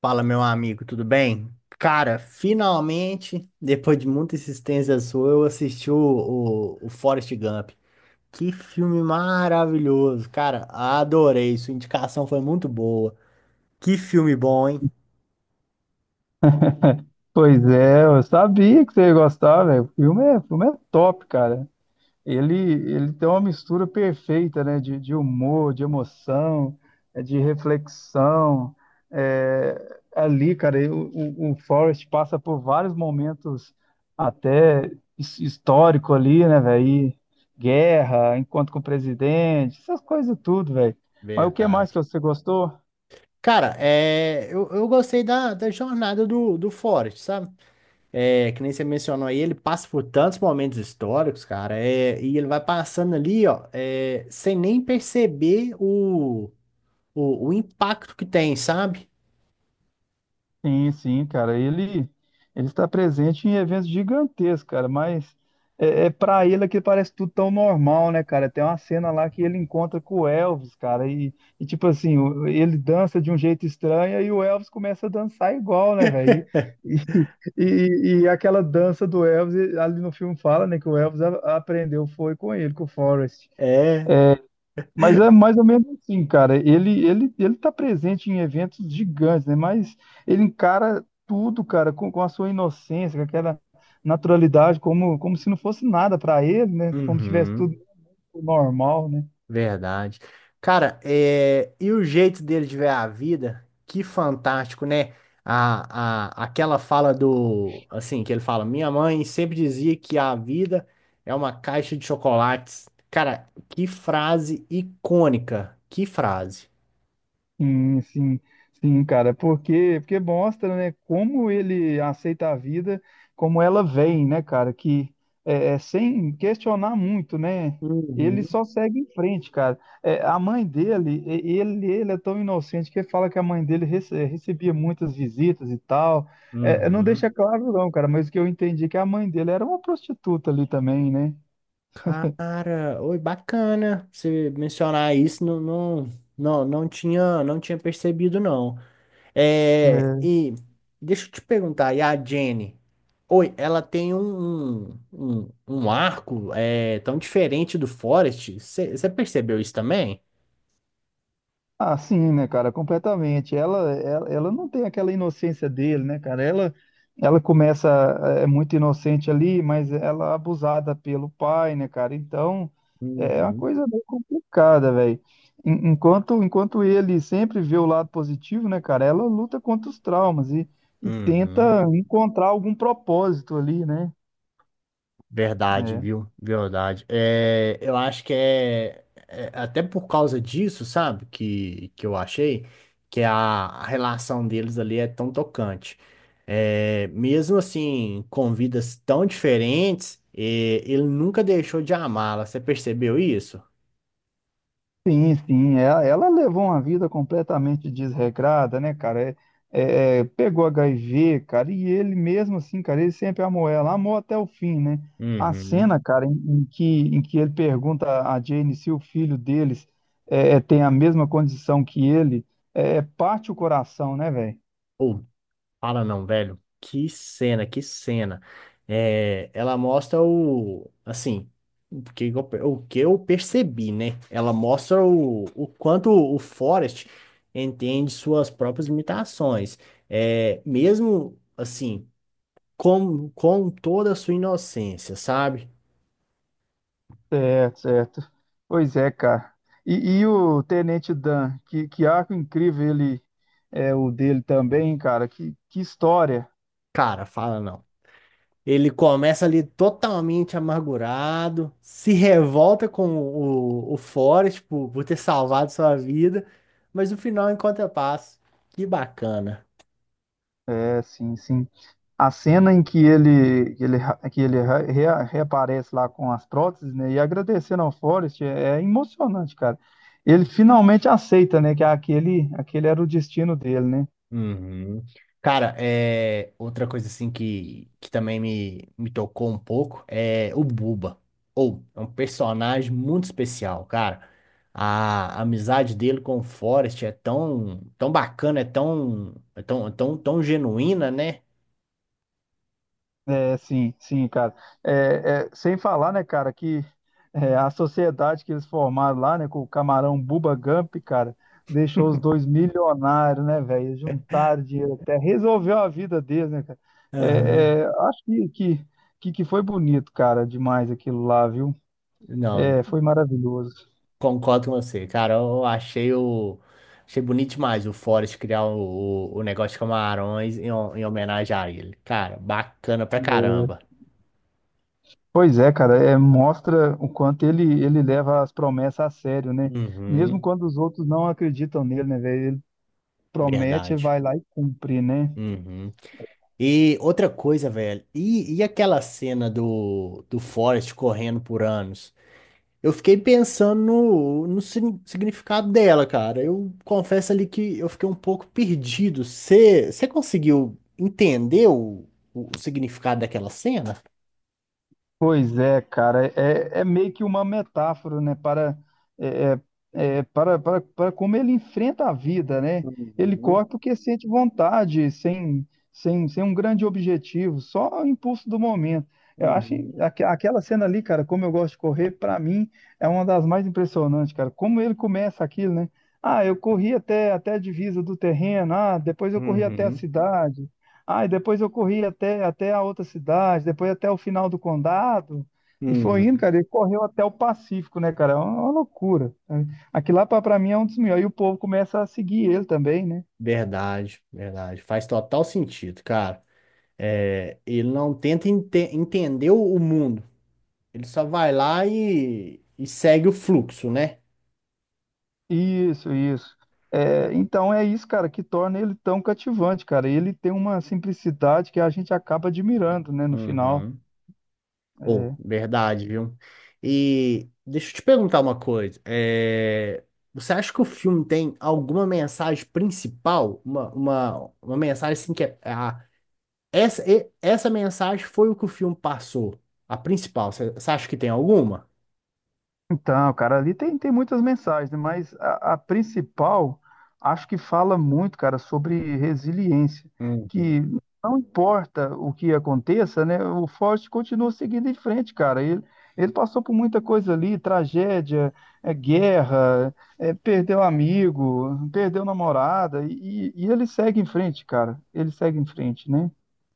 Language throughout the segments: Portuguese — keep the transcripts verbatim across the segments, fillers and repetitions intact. Fala, meu amigo, tudo bem? Cara, finalmente, depois de muita insistência sua, eu assisti o, o, o Forrest Gump. Que filme maravilhoso, cara. Adorei. Sua indicação foi muito boa. Que filme bom, hein? Pois é, eu sabia que você ia gostar, velho. O filme é, o filme é top, cara. Ele, ele tem uma mistura perfeita, né? De, de humor, de emoção, é, de reflexão. É, ali, cara, eu- o, o Forrest passa por vários momentos até his- histórico ali, né, velho? E guerra, encontro com o presidente, essas coisas tudo, velho. Mas o que mais que Verdade. você gostou? Cara, é, eu, eu gostei da, da jornada do, do Forrest, sabe? É, que nem você mencionou aí, ele passa por tantos momentos históricos, cara. É, e ele vai passando ali, ó, é, sem nem perceber o o, o impacto que tem, sabe? Sim, sim, cara. Ele ele está presente em eventos gigantescos, cara, mas é, é para ele que parece tudo tão normal, né, cara? Tem uma cena lá que ele encontra com o Elvis, cara, e, e tipo assim, o- ele dança de um jeito estranho e o Elvis começa a dançar igual, né, velho? E, e, e, e aquela dança do Elvis, ali no filme fala, né, que o Elvis a- aprendeu foi com ele, com o Forrest. É. Mas é mais ou menos assim, cara. Ele ele ele tá presente em eventos gigantes, né? Mas ele encara tudo, cara, com, com a sua inocência, com aquela naturalidade, como como se não fosse nada para ele, né? Como se tivesse tudo Uhum, normal, né? verdade. Cara, é, e o jeito dele de ver a vida, que fantástico, né? A, a, aquela fala do, assim, que ele fala, minha mãe sempre dizia que a vida é uma caixa de chocolates. Cara, que frase icônica, que frase. Sim, sim, sim, cara, porque porque mostra, né, como ele aceita a vida, como ela vem, né, cara, que é, é, sem questionar muito, né, ele Uhum. só segue em frente, cara. É, a mãe dele, e- ele, ele é tão inocente que ele fala que a mãe dele rece- é, recebia muitas visitas e tal. É, é, não Uhum. deixa claro não, cara, mas o que eu entendi é que a mãe dele era uma prostituta ali também, né? Cara, oi, bacana você mencionar isso, não, não, não, não tinha, não tinha percebido, não. É, É. e deixa eu te perguntar, e a Jenny? Oi, ela tem um, um, um um arco é, tão diferente do Forest? Você percebeu isso também? Ah, sim, né, cara, completamente. Ela, ela, ela não tem aquela inocência dele, né, cara? Ela, ela começa é é muito inocente ali, mas ela é abusada pelo pai, né, cara? Então, é uma Uhum. coisa meio complicada, velho. En- Enquanto, enquanto ele sempre vê o lado positivo, né, cara? Ela luta contra os traumas e, e Uhum. tenta encontrar algum propósito ali, né? Verdade, É. viu? Verdade. É, eu acho que é, é até por causa disso, sabe? Que, que eu achei que a, a relação deles ali é tão tocante. É, mesmo assim, com vidas tão diferentes, é, ele nunca deixou de amá-la. Você percebeu isso? Sim, sim, ela, ela levou uma vida completamente desregrada, né, cara? É, é, é, pegou H I V, cara, e ele mesmo assim, cara, ele sempre amou ela, amou até o fim, né? A Uhum. cena, cara, em, em que, em que ele pergunta a Jane se o filho deles é, é, tem a mesma condição que ele, é, é, parte o coração, né, velho? Fala não, velho. Que cena, que cena. É, ela mostra o, assim, o que eu, per- o que eu percebi, né? Ela mostra o, o quanto o Forrest entende suas próprias limitações. É, mesmo assim, com, com toda a sua inocência, sabe? Certo, certo. Pois é, cara. E, e o Tenente Dan, que, que arco incrível ele é o dele também, cara. Que, que história. Cara, fala não. Ele começa ali totalmente amargurado, se revolta com o, o Forrest por, por ter salvado sua vida, mas no final encontra paz. Que bacana. É, sim, sim. A cena em que ele, que ele, ra- que ele ra- rea- reaparece lá com as próteses, né, e agradecendo ao Forrest é, é emocionante, cara. Ele finalmente aceita, né, que aquele, aquele era o destino dele, né? Uhum. Cara, é outra coisa assim que, que também me, me tocou um pouco é o Buba. Ou é um personagem muito especial, cara. A amizade dele com o Forrest é tão, tão bacana, é tão, é tão, tão, tão genuína, né? É, sim, sim, cara. É, é, sem falar, né, cara, que é, a sociedade que eles formaram lá, né, com o camarão Bubba Gump, cara, deixou os dois milionários, né, velho? Eles juntaram dinheiro até, resolveu a vida deles, né, cara? É, Aham. é, acho que, que, que, que foi bonito, cara, demais aquilo lá, viu? Não, É, foi maravilhoso. concordo com você, cara. Eu achei o. Achei bonito demais o Forrest criar o, o, o negócio de camarões em, ho- em homenagem a ele. Cara, bacana pra caramba. Pois é, cara, é, mostra o quanto ele, ele leva as promessas a sério, né? Mesmo Uhum, quando os outros não acreditam nele, né, velho? Ele promete e verdade. vai lá e cumpre, né? Uhum. E outra coisa, velho. E, e aquela cena do, do Forrest correndo por anos? Eu fiquei pensando no, no sin- significado dela, cara. Eu confesso ali que eu fiquei um pouco perdido. Você conseguiu entender o, o significado daquela cena? Pois é, cara, é, é meio que uma metáfora, né, para, é, é, é, para, para, para como ele enfrenta a vida, né? Ele Uhum, corre porque sente vontade, sem, sem, sem um grande objetivo, só o impulso do momento. Eu acho uhum, aque- aquela cena ali, cara, como eu gosto de correr, para mim é uma das mais impressionantes, cara. Como ele começa aquilo, né? Ah, eu corri até, até a divisa do terreno, ah, depois eu corri até a uhum, cidade. Ah, e depois eu corri até, até a outra cidade, depois até o final do condado, e foi indo, uhum. cara, ele correu até o Pacífico, né, cara? É uma, uma loucura. Aqui lá pra pra mim é um dos melhores, e o povo começa a seguir ele também, né? Verdade, verdade. Faz total sentido, cara. É, ele não tenta ente- entender o o mundo. Ele só vai lá e, e segue o fluxo, né? Isso, isso. É, então é isso, cara, que torna ele tão cativante, cara. Ele tem uma simplicidade que a gente acaba admirando, né, no final. Uhum. Ou, É, verdade, viu? E deixa eu te perguntar uma coisa. É, você acha que o filme tem alguma mensagem principal? Uma, uma, uma mensagem assim que é, ah, essa, e- essa mensagem foi o que o filme passou, a principal. Você acha que tem alguma? então, cara, ali tem, tem muitas mensagens, né? Mas a, a principal acho que fala muito, cara, sobre resiliência, que Uhum. não importa o que aconteça, né? O Forte continua seguindo em frente, cara. Ele, ele passou por muita coisa ali, tragédia, é, guerra, é, perdeu amigo, perdeu namorada, e, e ele segue em frente, cara. Ele segue em frente, né?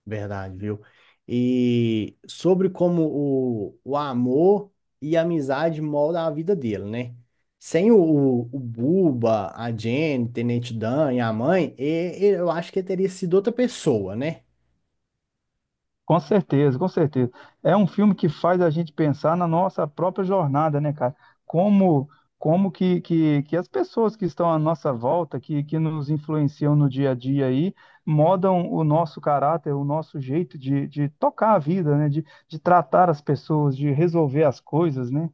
Verdade, viu? E sobre como o, o amor e a amizade moldam a vida dele, né? Sem o, o o Buba, a Jenny, Tenente Dan e a mãe, e- e- eu acho que ele teria sido outra pessoa, né? Com certeza, com certeza. É um filme que faz a gente pensar na nossa própria jornada, né, cara? Como, como que, que, que as pessoas que estão à nossa volta, que, que nos influenciam no dia a dia aí, modam o nosso caráter, o nosso jeito de, de tocar a vida, né? De, de tratar as pessoas, de resolver as coisas, né?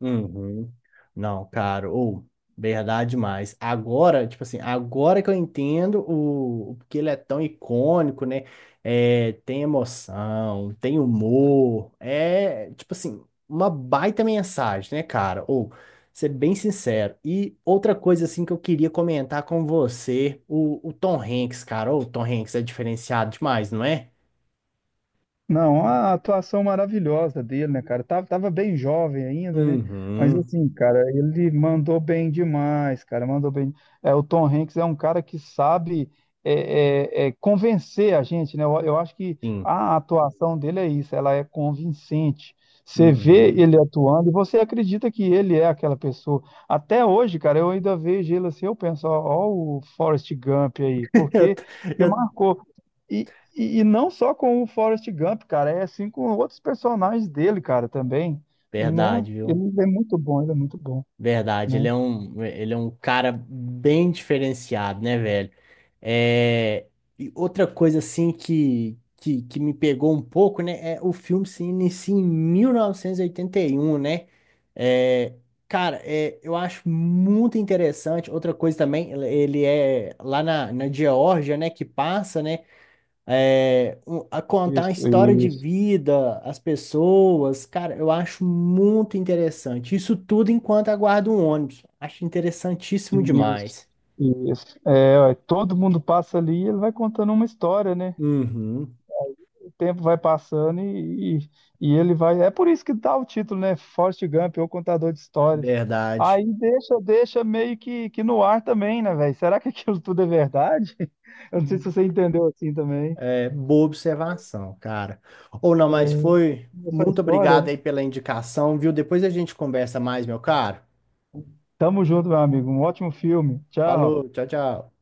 Uhum. Não, cara, ou verdade demais. Agora, tipo assim, agora que eu entendo o, o porque ele é tão icônico, né? É, tem emoção, tem humor, é, tipo assim, uma baita mensagem, né, cara? Ou ser bem sincero. E outra coisa assim que eu queria comentar com você, o, o Tom Hanks, cara, ou o Tom Hanks é diferenciado demais, não é? Não, a atuação maravilhosa dele, né, cara? Tava, tava bem jovem ainda, né? Mas Uhum. assim, cara, ele mandou bem demais, cara. Mandou bem. É, o Tom Hanks é um cara que sabe é, é, é, convencer a gente, né? Eu, eu acho que Sim. a atuação dele é isso, ela é convincente. Você vê Uhum. ele atuando e você acredita que ele é aquela pessoa. Até hoje, cara, eu ainda vejo ele assim, eu penso, ó, ó o Forrest Gump aí, Eu, porque, porque eu, marcou. E, e, e não só com o Forrest Gump, cara, é assim com outros personagens dele, cara, também. No, verdade, viu? ele é muito bom, ele é muito bom, Verdade, ele né? é um, ele é um cara bem diferenciado, né, velho? É, e outra coisa, assim, que, que, que me pegou um pouco, né, é o filme se inicia em mil novecentos e oitenta e um né? É, cara, é, eu acho muito interessante. Outra coisa também, ele ele é lá na, na Geórgia, né, que passa, né? é, um- a contar a Isso, história de isso, vida, as pessoas, cara, eu acho muito interessante. Isso tudo enquanto aguardo um ônibus. Acho interessantíssimo isso, demais. isso. É, ó, todo mundo passa ali e ele vai contando uma história, né? Uhum, O tempo vai passando e, e, e ele vai. É por isso que dá o título, né? Forrest Gump, ou contador de histórias. verdade. Aí deixa, deixa meio que, que no ar também, né, velho? Será que aquilo tudo é verdade? Eu não sei se você entendeu assim também. É, boa observação, cara. Ou não, É mas foi. é só Muito história, obrigado né? aí pela indicação, viu? Depois a gente conversa mais, meu caro. Tamo junto, meu amigo. Um ótimo filme. Tchau. Falou, tchau, tchau.